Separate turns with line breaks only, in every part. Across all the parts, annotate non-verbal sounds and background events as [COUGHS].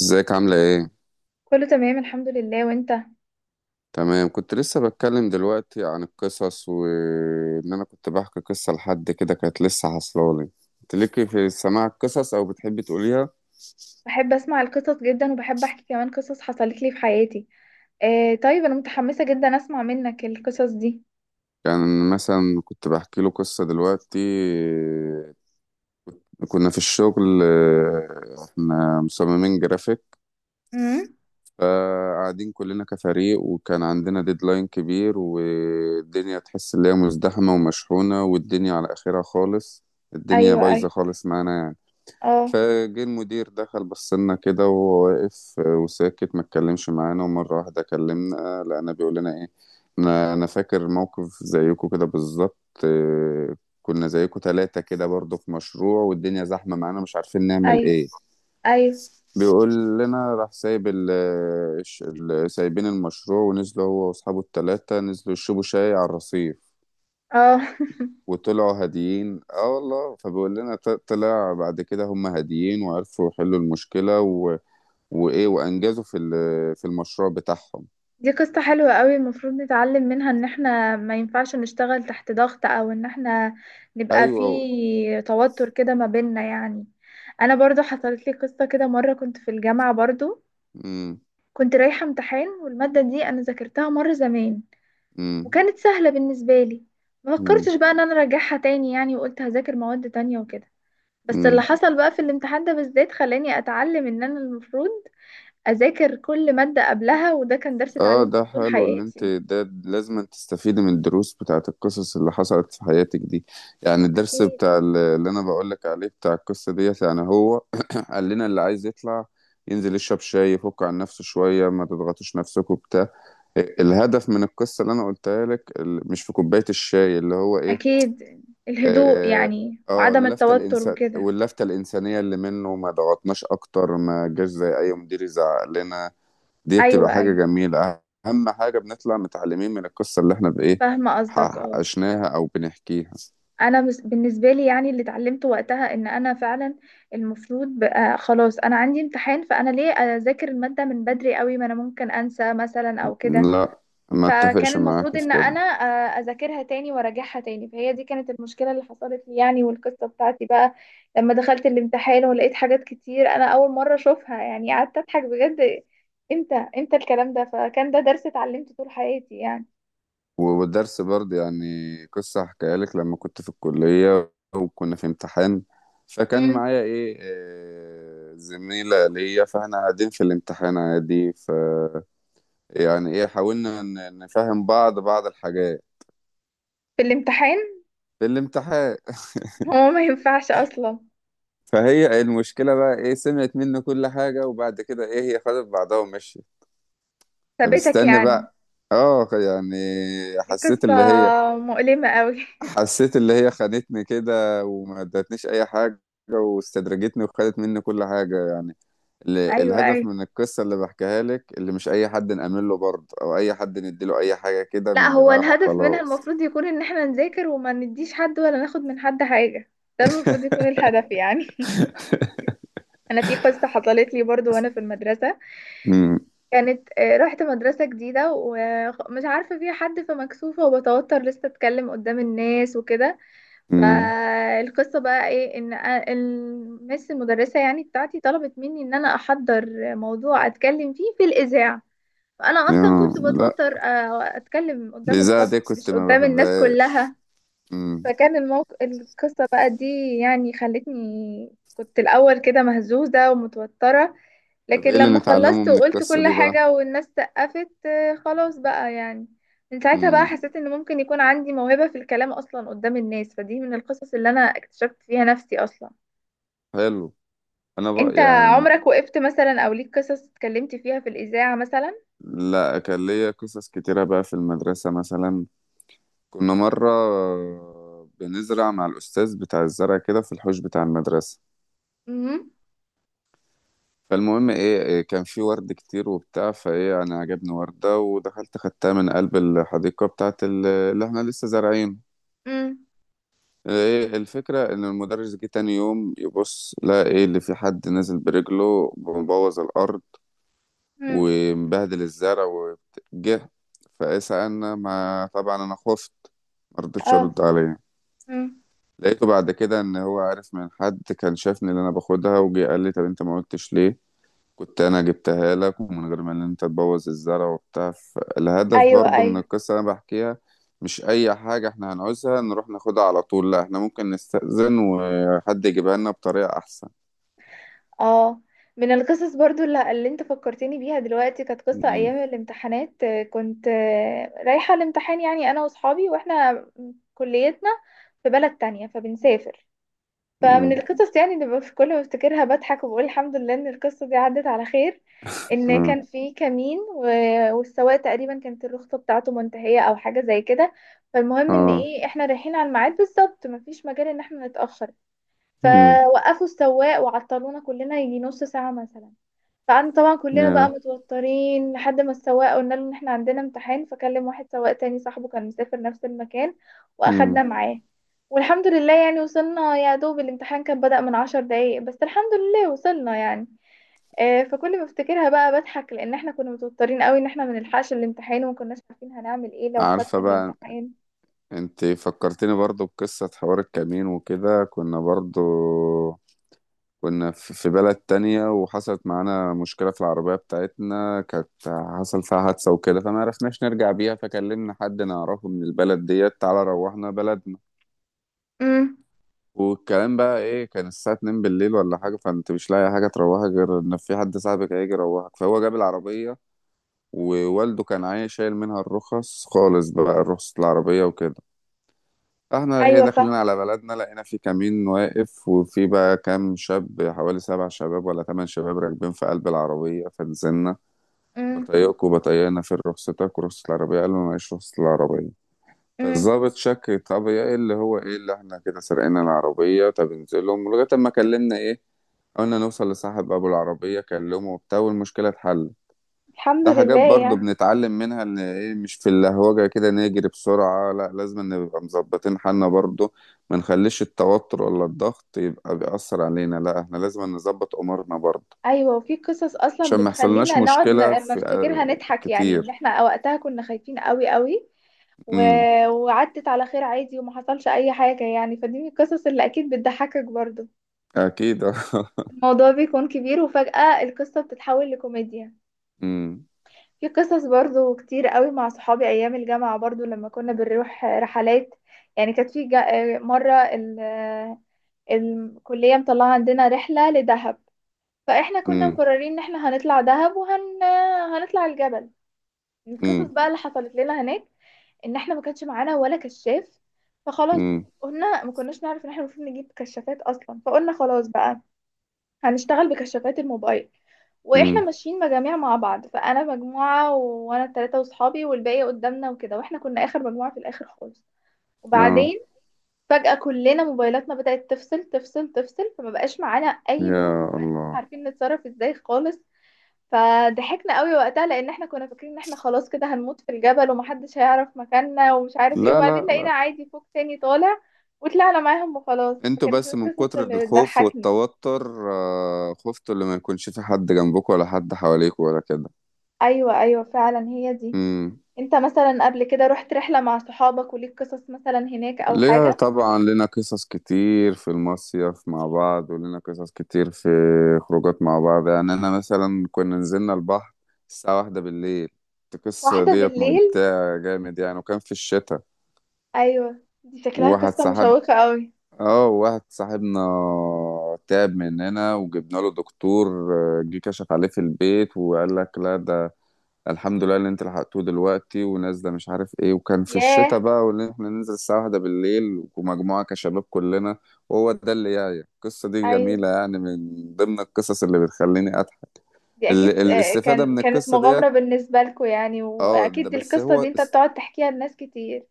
ازيك عاملة ايه؟
كله تمام، الحمد لله. وانت؟
تمام كنت لسه بتكلم دلوقتي عن القصص وان انا كنت بحكي قصة لحد كده كانت لسه حصلالي. انت ليكي في سماع القصص او بتحبي تقوليها؟
بحب اسمع القصص جدا وبحب احكي كمان قصص حصلت لي في حياتي. آه، طيب، انا متحمسة جدا اسمع منك القصص دي.
يعني مثلا كنت بحكي له قصة دلوقتي. آه، كنا في الشغل، احنا مصممين جرافيك.
امم.
فقاعدين كلنا كفريق وكان عندنا ديدلاين كبير والدنيا تحس ان هي مزدحمة ومشحونة والدنيا على اخرها خالص. الدنيا
ايوه،
بايظة
ايوه.
خالص معانا يعني.
اه.
فجه المدير دخل بص لنا كده وهو واقف وساكت ما اتكلمش معانا ومرة واحدة كلمنا لقينا بيقول لنا ايه، انا فاكر موقف زيكم كده بالظبط. آه، كنا زيكم ثلاثة كده برضو في مشروع والدنيا زحمة معانا مش عارفين نعمل
ايوه،
ايه.
ايوه.
بيقول لنا راح سايب سايبين المشروع، ونزلوا هو واصحابه الثلاثة نزلوا يشربوا شاي على الرصيف.
اه. [LAUGHS]
وطلعوا هاديين اه والله، فبيقول لنا طلع بعد كده هم هاديين وعرفوا يحلوا المشكلة. وايه وانجزوا في المشروع بتاعهم.
دي قصة حلوة قوي، المفروض نتعلم منها ان احنا ما ينفعش نشتغل تحت ضغط، او ان احنا نبقى في
ايوه.
توتر كده ما بيننا يعني. انا برضو حصلت لي قصة كده مرة، كنت في الجامعة برضو.
امم.
كنت رايحة امتحان والمادة دي انا ذاكرتها مرة زمان،
امم.
وكانت سهلة بالنسبة لي. ما
امم.
فكرتش بقى ان انا اراجعها تاني يعني، وقلت هذاكر مواد تانية وكده. بس اللي
امم.
حصل بقى في الامتحان ده بالذات خلاني اتعلم ان انا المفروض اذاكر كل مادة قبلها، وده كان درس
اه،
اتعلمته
ده
طول
حلو اللي انت
حياتي.
ده لازم تستفيدي من الدروس بتاعت القصص اللي حصلت في حياتك دي. يعني الدرس
اكيد.
بتاع اللي انا بقولك عليه بتاع القصة ديت يعني هو [COUGHS] [CLEARS THROAT] قال لنا اللي عايز يطلع ينزل يشرب شاي يفك عن نفسه شوية، ما تضغطوش نفسكم بتاع. الهدف من القصة اللي انا قلتها لك مش في كوباية الشاي، اللي هو ايه،
اكيد. الهدوء
اه،
يعني وعدم
اللفتة
التوتر
الإنسان
وكده.
واللفتة الإنسانية اللي منه، ما ضغطناش أكتر، ما جاش زي أي مدير يزعق لنا. دي بتبقى
ايوه،
حاجة
ايوه.
جميلة. أهم حاجة بنطلع متعلمين من القصة اللي احنا بإيه
فاهمة قصدك، اه.
عشناها أو بنحكيها.
بالنسبه لي يعني اللي اتعلمته وقتها ان انا فعلا المفروض بقى، خلاص انا عندي امتحان، فانا ليه اذاكر الماده من بدري قوي، ما انا ممكن انسى مثلا او كده.
لا، ما
فكان
اتفقش معاك
المفروض
في
ان
كده.
انا اذاكرها تاني وراجعها تاني، فهي دي كانت المشكله اللي حصلت لي يعني. والقصه بتاعتي بقى لما دخلت الامتحان ولقيت حاجات كتير انا اول مره اشوفها يعني، قعدت اضحك بجد. امتى امتى الكلام ده؟ فكان ده درس اتعلمته طول حياتي يعني.
والدرس برضه يعني قصة هحكيها لك لما كنت في الكلية وكنا في امتحان. فكان
امم.
معايا ايه، زميلة ليا، فاحنا قاعدين في الامتحان عادي، يعني ايه، حاولنا نفهم بعض الحاجات
في الامتحان؟
في الامتحان.
هو ما ينفعش اصلا.
فهي المشكلة بقى ايه، سمعت منه كل حاجة وبعد كده ايه هي خدت بعضها ومشيت. طب
ثابتك
استنى
يعني.
بقى، اه يعني،
دي
حسيت
قصة
اللي هي
مؤلمة قوي. [LAUGHS]
حسيت اللي هي خانتني كده وما ادتنيش اي حاجة، واستدرجتني وخدت مني كل حاجة يعني.
ايوه،
الهدف
ايوه.
من القصة اللي بحكيها لك اللي مش اي حد نأمن له برضه، او اي حد نديله اي حاجة كده
لا،
من
هو
دماغنا
الهدف منها
وخلاص.
المفروض يكون ان احنا نذاكر، وما نديش حد ولا ناخد من حد حاجة. ده المفروض يكون الهدف يعني. [LAUGHS] انا في قصة حصلت لي برضو وانا في المدرسة.
امم.
كانت رحت مدرسة جديدة ومش عارفة فيها حد، فمكسوفة وبتوتر لسه اتكلم قدام الناس وكده.
امم.
فالقصة بقى ايه؟ ان المس المدرسة يعني بتاعتي طلبت مني ان انا احضر موضوع اتكلم فيه في الاذاعة. فانا اصلا
يا
كنت
لا،
بتوتر اتكلم قدام
الإذاعة
الفصل،
دي كنت
مش
ما
قدام الناس
بحبهاش.
كلها.
مم.
فكان الموقف، القصة بقى دي يعني خلتني كنت الاول كده مهزوزة ومتوترة.
طب
لكن
ايه اللي
لما
نتعلمه
خلصت
من
وقلت
القصة
كل
دي بقى؟
حاجة والناس سقفت، خلاص بقى يعني. من ساعتها بقى
مم.
حسيت ان ممكن يكون عندي موهبة في الكلام اصلا قدام الناس، فدي من القصص اللي انا اكتشفت فيها نفسي اصلا.
حلو. انا
انت
بقى يعني،
عمرك وقفت مثلا او ليك قصص اتكلمت فيها في الاذاعة مثلا؟
لا كان ليا قصص كتيرة بقى في المدرسة مثلا. كنا مرة بنزرع مع الأستاذ بتاع الزرع كده في الحوش بتاع المدرسة.
امم.
فالمهم ايه إيه، كان في ورد كتير وبتاع، فايه انا عجبني وردة ودخلت خدتها من قلب الحديقة بتاعت اللي احنا لسه زارعين.
امم.
ايه الفكرة، ان المدرس جه تاني يوم يبص لقى ايه، اللي في حد نازل برجله مبوظ الارض ومبهدل الزرع وجه فايه سألنا، ما طبعا انا خفت، مرضتش
آه.
ارد عليه.
مم.
لقيته بعد كده ان هو عارف من حد كان شافني اللي انا باخدها، وجه قال لي طب انت ما قلتش ليه، كنت انا جبتها لك ومن غير ما ان انت تبوظ الزرع وبتاع. الهدف
ايوه،
برضو من
ايوه.
القصة اللي انا بحكيها، مش اي حاجة احنا هنعوزها نروح ناخدها على طول، لا احنا ممكن نستأذن وحد يجيبها لنا بطريقة احسن.
اه. من القصص برضو اللي انت فكرتني بيها دلوقتي، كانت قصة
امم.
ايام الامتحانات. كنت رايحة الامتحان يعني انا واصحابي، واحنا كليتنا في بلد تانية فبنسافر. فمن
امم.
القصص يعني اللي كل ما بفتكرها بضحك وبقول الحمد لله ان القصة دي عدت على خير. ان
اه.
كان في كمين والسواق تقريبا كانت الرخصة بتاعته منتهية او حاجة زي كده. فالمهم ان
اه.
ايه، احنا رايحين على الميعاد بالظبط، مفيش مجال ان احنا نتأخر.
امم.
فوقفوا السواق وعطلونا كلنا يجي نص ساعة مثلا. فقعدنا طبعا كلنا بقى
يا.
متوترين، لحد ما السواق قلنا له ان احنا عندنا امتحان، فكلم واحد سواق تاني صاحبه كان مسافر نفس المكان واخدنا
امم.
معاه. والحمد لله يعني وصلنا، يا دوب الامتحان كان بدأ من 10 دقايق، بس الحمد لله وصلنا يعني. فكل ما افتكرها بقى بضحك، لان احنا كنا متوترين قوي ان احنا ما نلحقش الامتحان، وما كناش عارفين هنعمل ايه لو
عارفة
فاتنا
بقى،
الامتحان.
انت فكرتني برضو بقصة حوار الكمين وكده. كنا برضو كنا في بلد تانية وحصلت معانا مشكلة في العربية بتاعتنا، كانت حصل فيها حادثة وكده فما عرفناش نرجع بيها، فكلمنا حد نعرفه من البلد ديت تعالى روحنا بلدنا.
امم.
والكلام بقى ايه، كان الساعة 2 بالليل ولا حاجة، فانت مش لاقي حاجة تروحك غير ان في حد صاحبك هيجي يروحك، فهو جاب العربية. ووالده كان عايز شايل منها الرخص خالص بقى، رخصة العربية وكده. احنا ايه
ايوه
داخلين
فاهمه.
على بلدنا لقينا في كمين واقف، وفي بقى كام شاب، حوالي سبع شباب ولا ثمان شباب راكبين في قلب العربية فنزلنا.
امم.
بطيقكوا بطيقنا، فين رخصتك ورخصة العربية، قالوا معيش رخصة العربية.
امم.
فالظابط شك، طب يا ايه اللي هو ايه، اللي احنا كده سرقنا العربية، طب انزلهم لغاية ما كلمنا ايه، قلنا نوصل لصاحب ابو العربية كلمه وبتاع، والمشكلة اتحلت.
الحمد
ده حاجات
لله
برضو
يعني.
بنتعلم منها، ان ايه مش في اللهوجة كده نجري بسرعة، لا لازم نبقى مظبطين حالنا برضو، ما نخليش التوتر ولا الضغط يبقى بيأثر علينا، لا احنا لازم نظبط امورنا برضو
ايوه، وفي قصص اصلا
عشان ما يحصلناش
بتخلينا نقعد
مشكلة
لما
في،
افتكرها نضحك يعني، ان
كتير.
احنا وقتها كنا خايفين قوي قوي. و...
امم.
وعدت على خير عادي وما حصلش اي حاجه يعني، فدي من القصص اللي اكيد بتضحكك برضو.
اكيد. [LAUGHS] آه.
الموضوع بيكون كبير وفجاه القصه بتتحول لكوميديا.
امم.
في قصص برضو كتير قوي مع صحابي ايام الجامعه برضو، لما كنا بنروح رحلات. يعني كانت في مره الكليه مطلعه عندنا رحله لدهب. فاحنا كنا
امم.
مقررين ان احنا هنطلع دهب هنطلع الجبل. القصص
امم.
بقى اللي حصلت لنا هناك ان احنا ما كانش معانا ولا كشاف، فخلاص.
امم.
قلنا ما كناش نعرف ان احنا المفروض نجيب كشافات اصلا، فقلنا خلاص بقى هنشتغل بكشافات الموبايل. واحنا
امم.
ماشيين مجاميع مع بعض، فانا مجموعه، وانا الثلاثه واصحابي، والباقي قدامنا وكده، واحنا كنا اخر مجموعه في الاخر خالص.
اه.
وبعدين فجاه كلنا موبايلاتنا بدات تفصل تفصل تفصل، فما بقاش معانا اي نور،
يا
ما بقاش
الله.
عارفين نتصرف ازاي خالص. فضحكنا قوي وقتها، لان احنا كنا فاكرين ان احنا خلاص كده هنموت في الجبل، ومحدش هيعرف مكاننا ومش عارف ايه.
لا،
وبعدين
لا،
لقينا
لا.
عادي فوق تاني طالع، وطلعنا معاهم وخلاص،
انتوا
فكانت من
بس من
القصص
كتر
اللي
الخوف
بتضحكني.
والتوتر خفتوا اللي ما يكونش في حد جنبكم ولا حد حواليكم ولا كده.
ايوه، ايوه، فعلا هي دي.
امم.
انت مثلا قبل كده رحت رحلة مع صحابك وليك قصص مثلا هناك او
ليها
حاجة؟
طبعا، لنا قصص كتير في المصيف مع بعض، ولنا قصص كتير في خروجات مع بعض يعني. أنا مثلا كنا نزلنا البحر الساعة واحدة بالليل. القصة
واحدة
ديت
بالليل؟
ممتعة جامد يعني، وكان في الشتاء.
ايوه، دي شكلها
وواحد
قصة
صاحب،
مشوقة قوي.
اه واحد صاحبنا تعب مننا، وجبنا له دكتور، جه كشف عليه في البيت وقال لك لا، الحمد لله اللي انت لحقته دلوقتي ونازله مش عارف ايه. وكان في الشتاء
ياه.
بقى، واللي احنا ننزل الساعه واحدة بالليل ومجموعه كشباب كلنا، وهو ده اللي جاي. القصه دي
ايوه،
جميله يعني، من ضمن القصص اللي بتخليني اضحك.
دي اكيد
الاستفاده
كان
من
كانت
القصه
مغامرة
ديت،
بالنسبة لكم يعني،
اه، ده
واكيد
بس
القصة دي
هو
انت بتقعد تحكيها لناس كتير.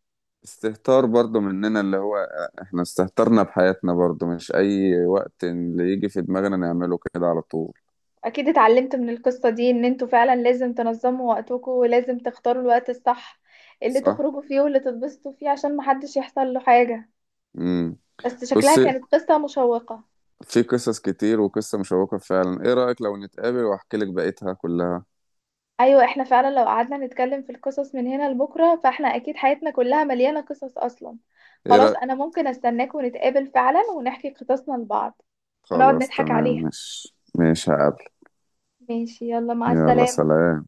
استهتار برضو مننا، اللي هو احنا استهترنا بحياتنا برضو، مش اي وقت اللي يجي في دماغنا نعمله كده على طول.
اكيد اتعلمت من القصة دي ان انتوا فعلا لازم تنظموا وقتكم، ولازم تختاروا الوقت الصح اللي
صح.
تخرجوا فيه واللي تتبسطوا فيه، عشان محدش يحصل له حاجة.
امم.
بس شكلها
بص،
كانت قصة مشوقة.
في قصص كتير، وقصة مشوقة فعلا، ايه رأيك لو نتقابل واحكي لك بقيتها كلها؟
ايوه، احنا فعلا لو قعدنا نتكلم في القصص من هنا لبكرة، فاحنا اكيد حياتنا كلها مليانة قصص اصلا.
ايه
خلاص،
رأيك؟
انا ممكن استناك ونتقابل فعلا ونحكي قصصنا لبعض ونقعد
خلاص
نضحك
تمام،
عليها.
مش هقابلك.
ماشي، يلا مع
يلا
السلامة.
سلام.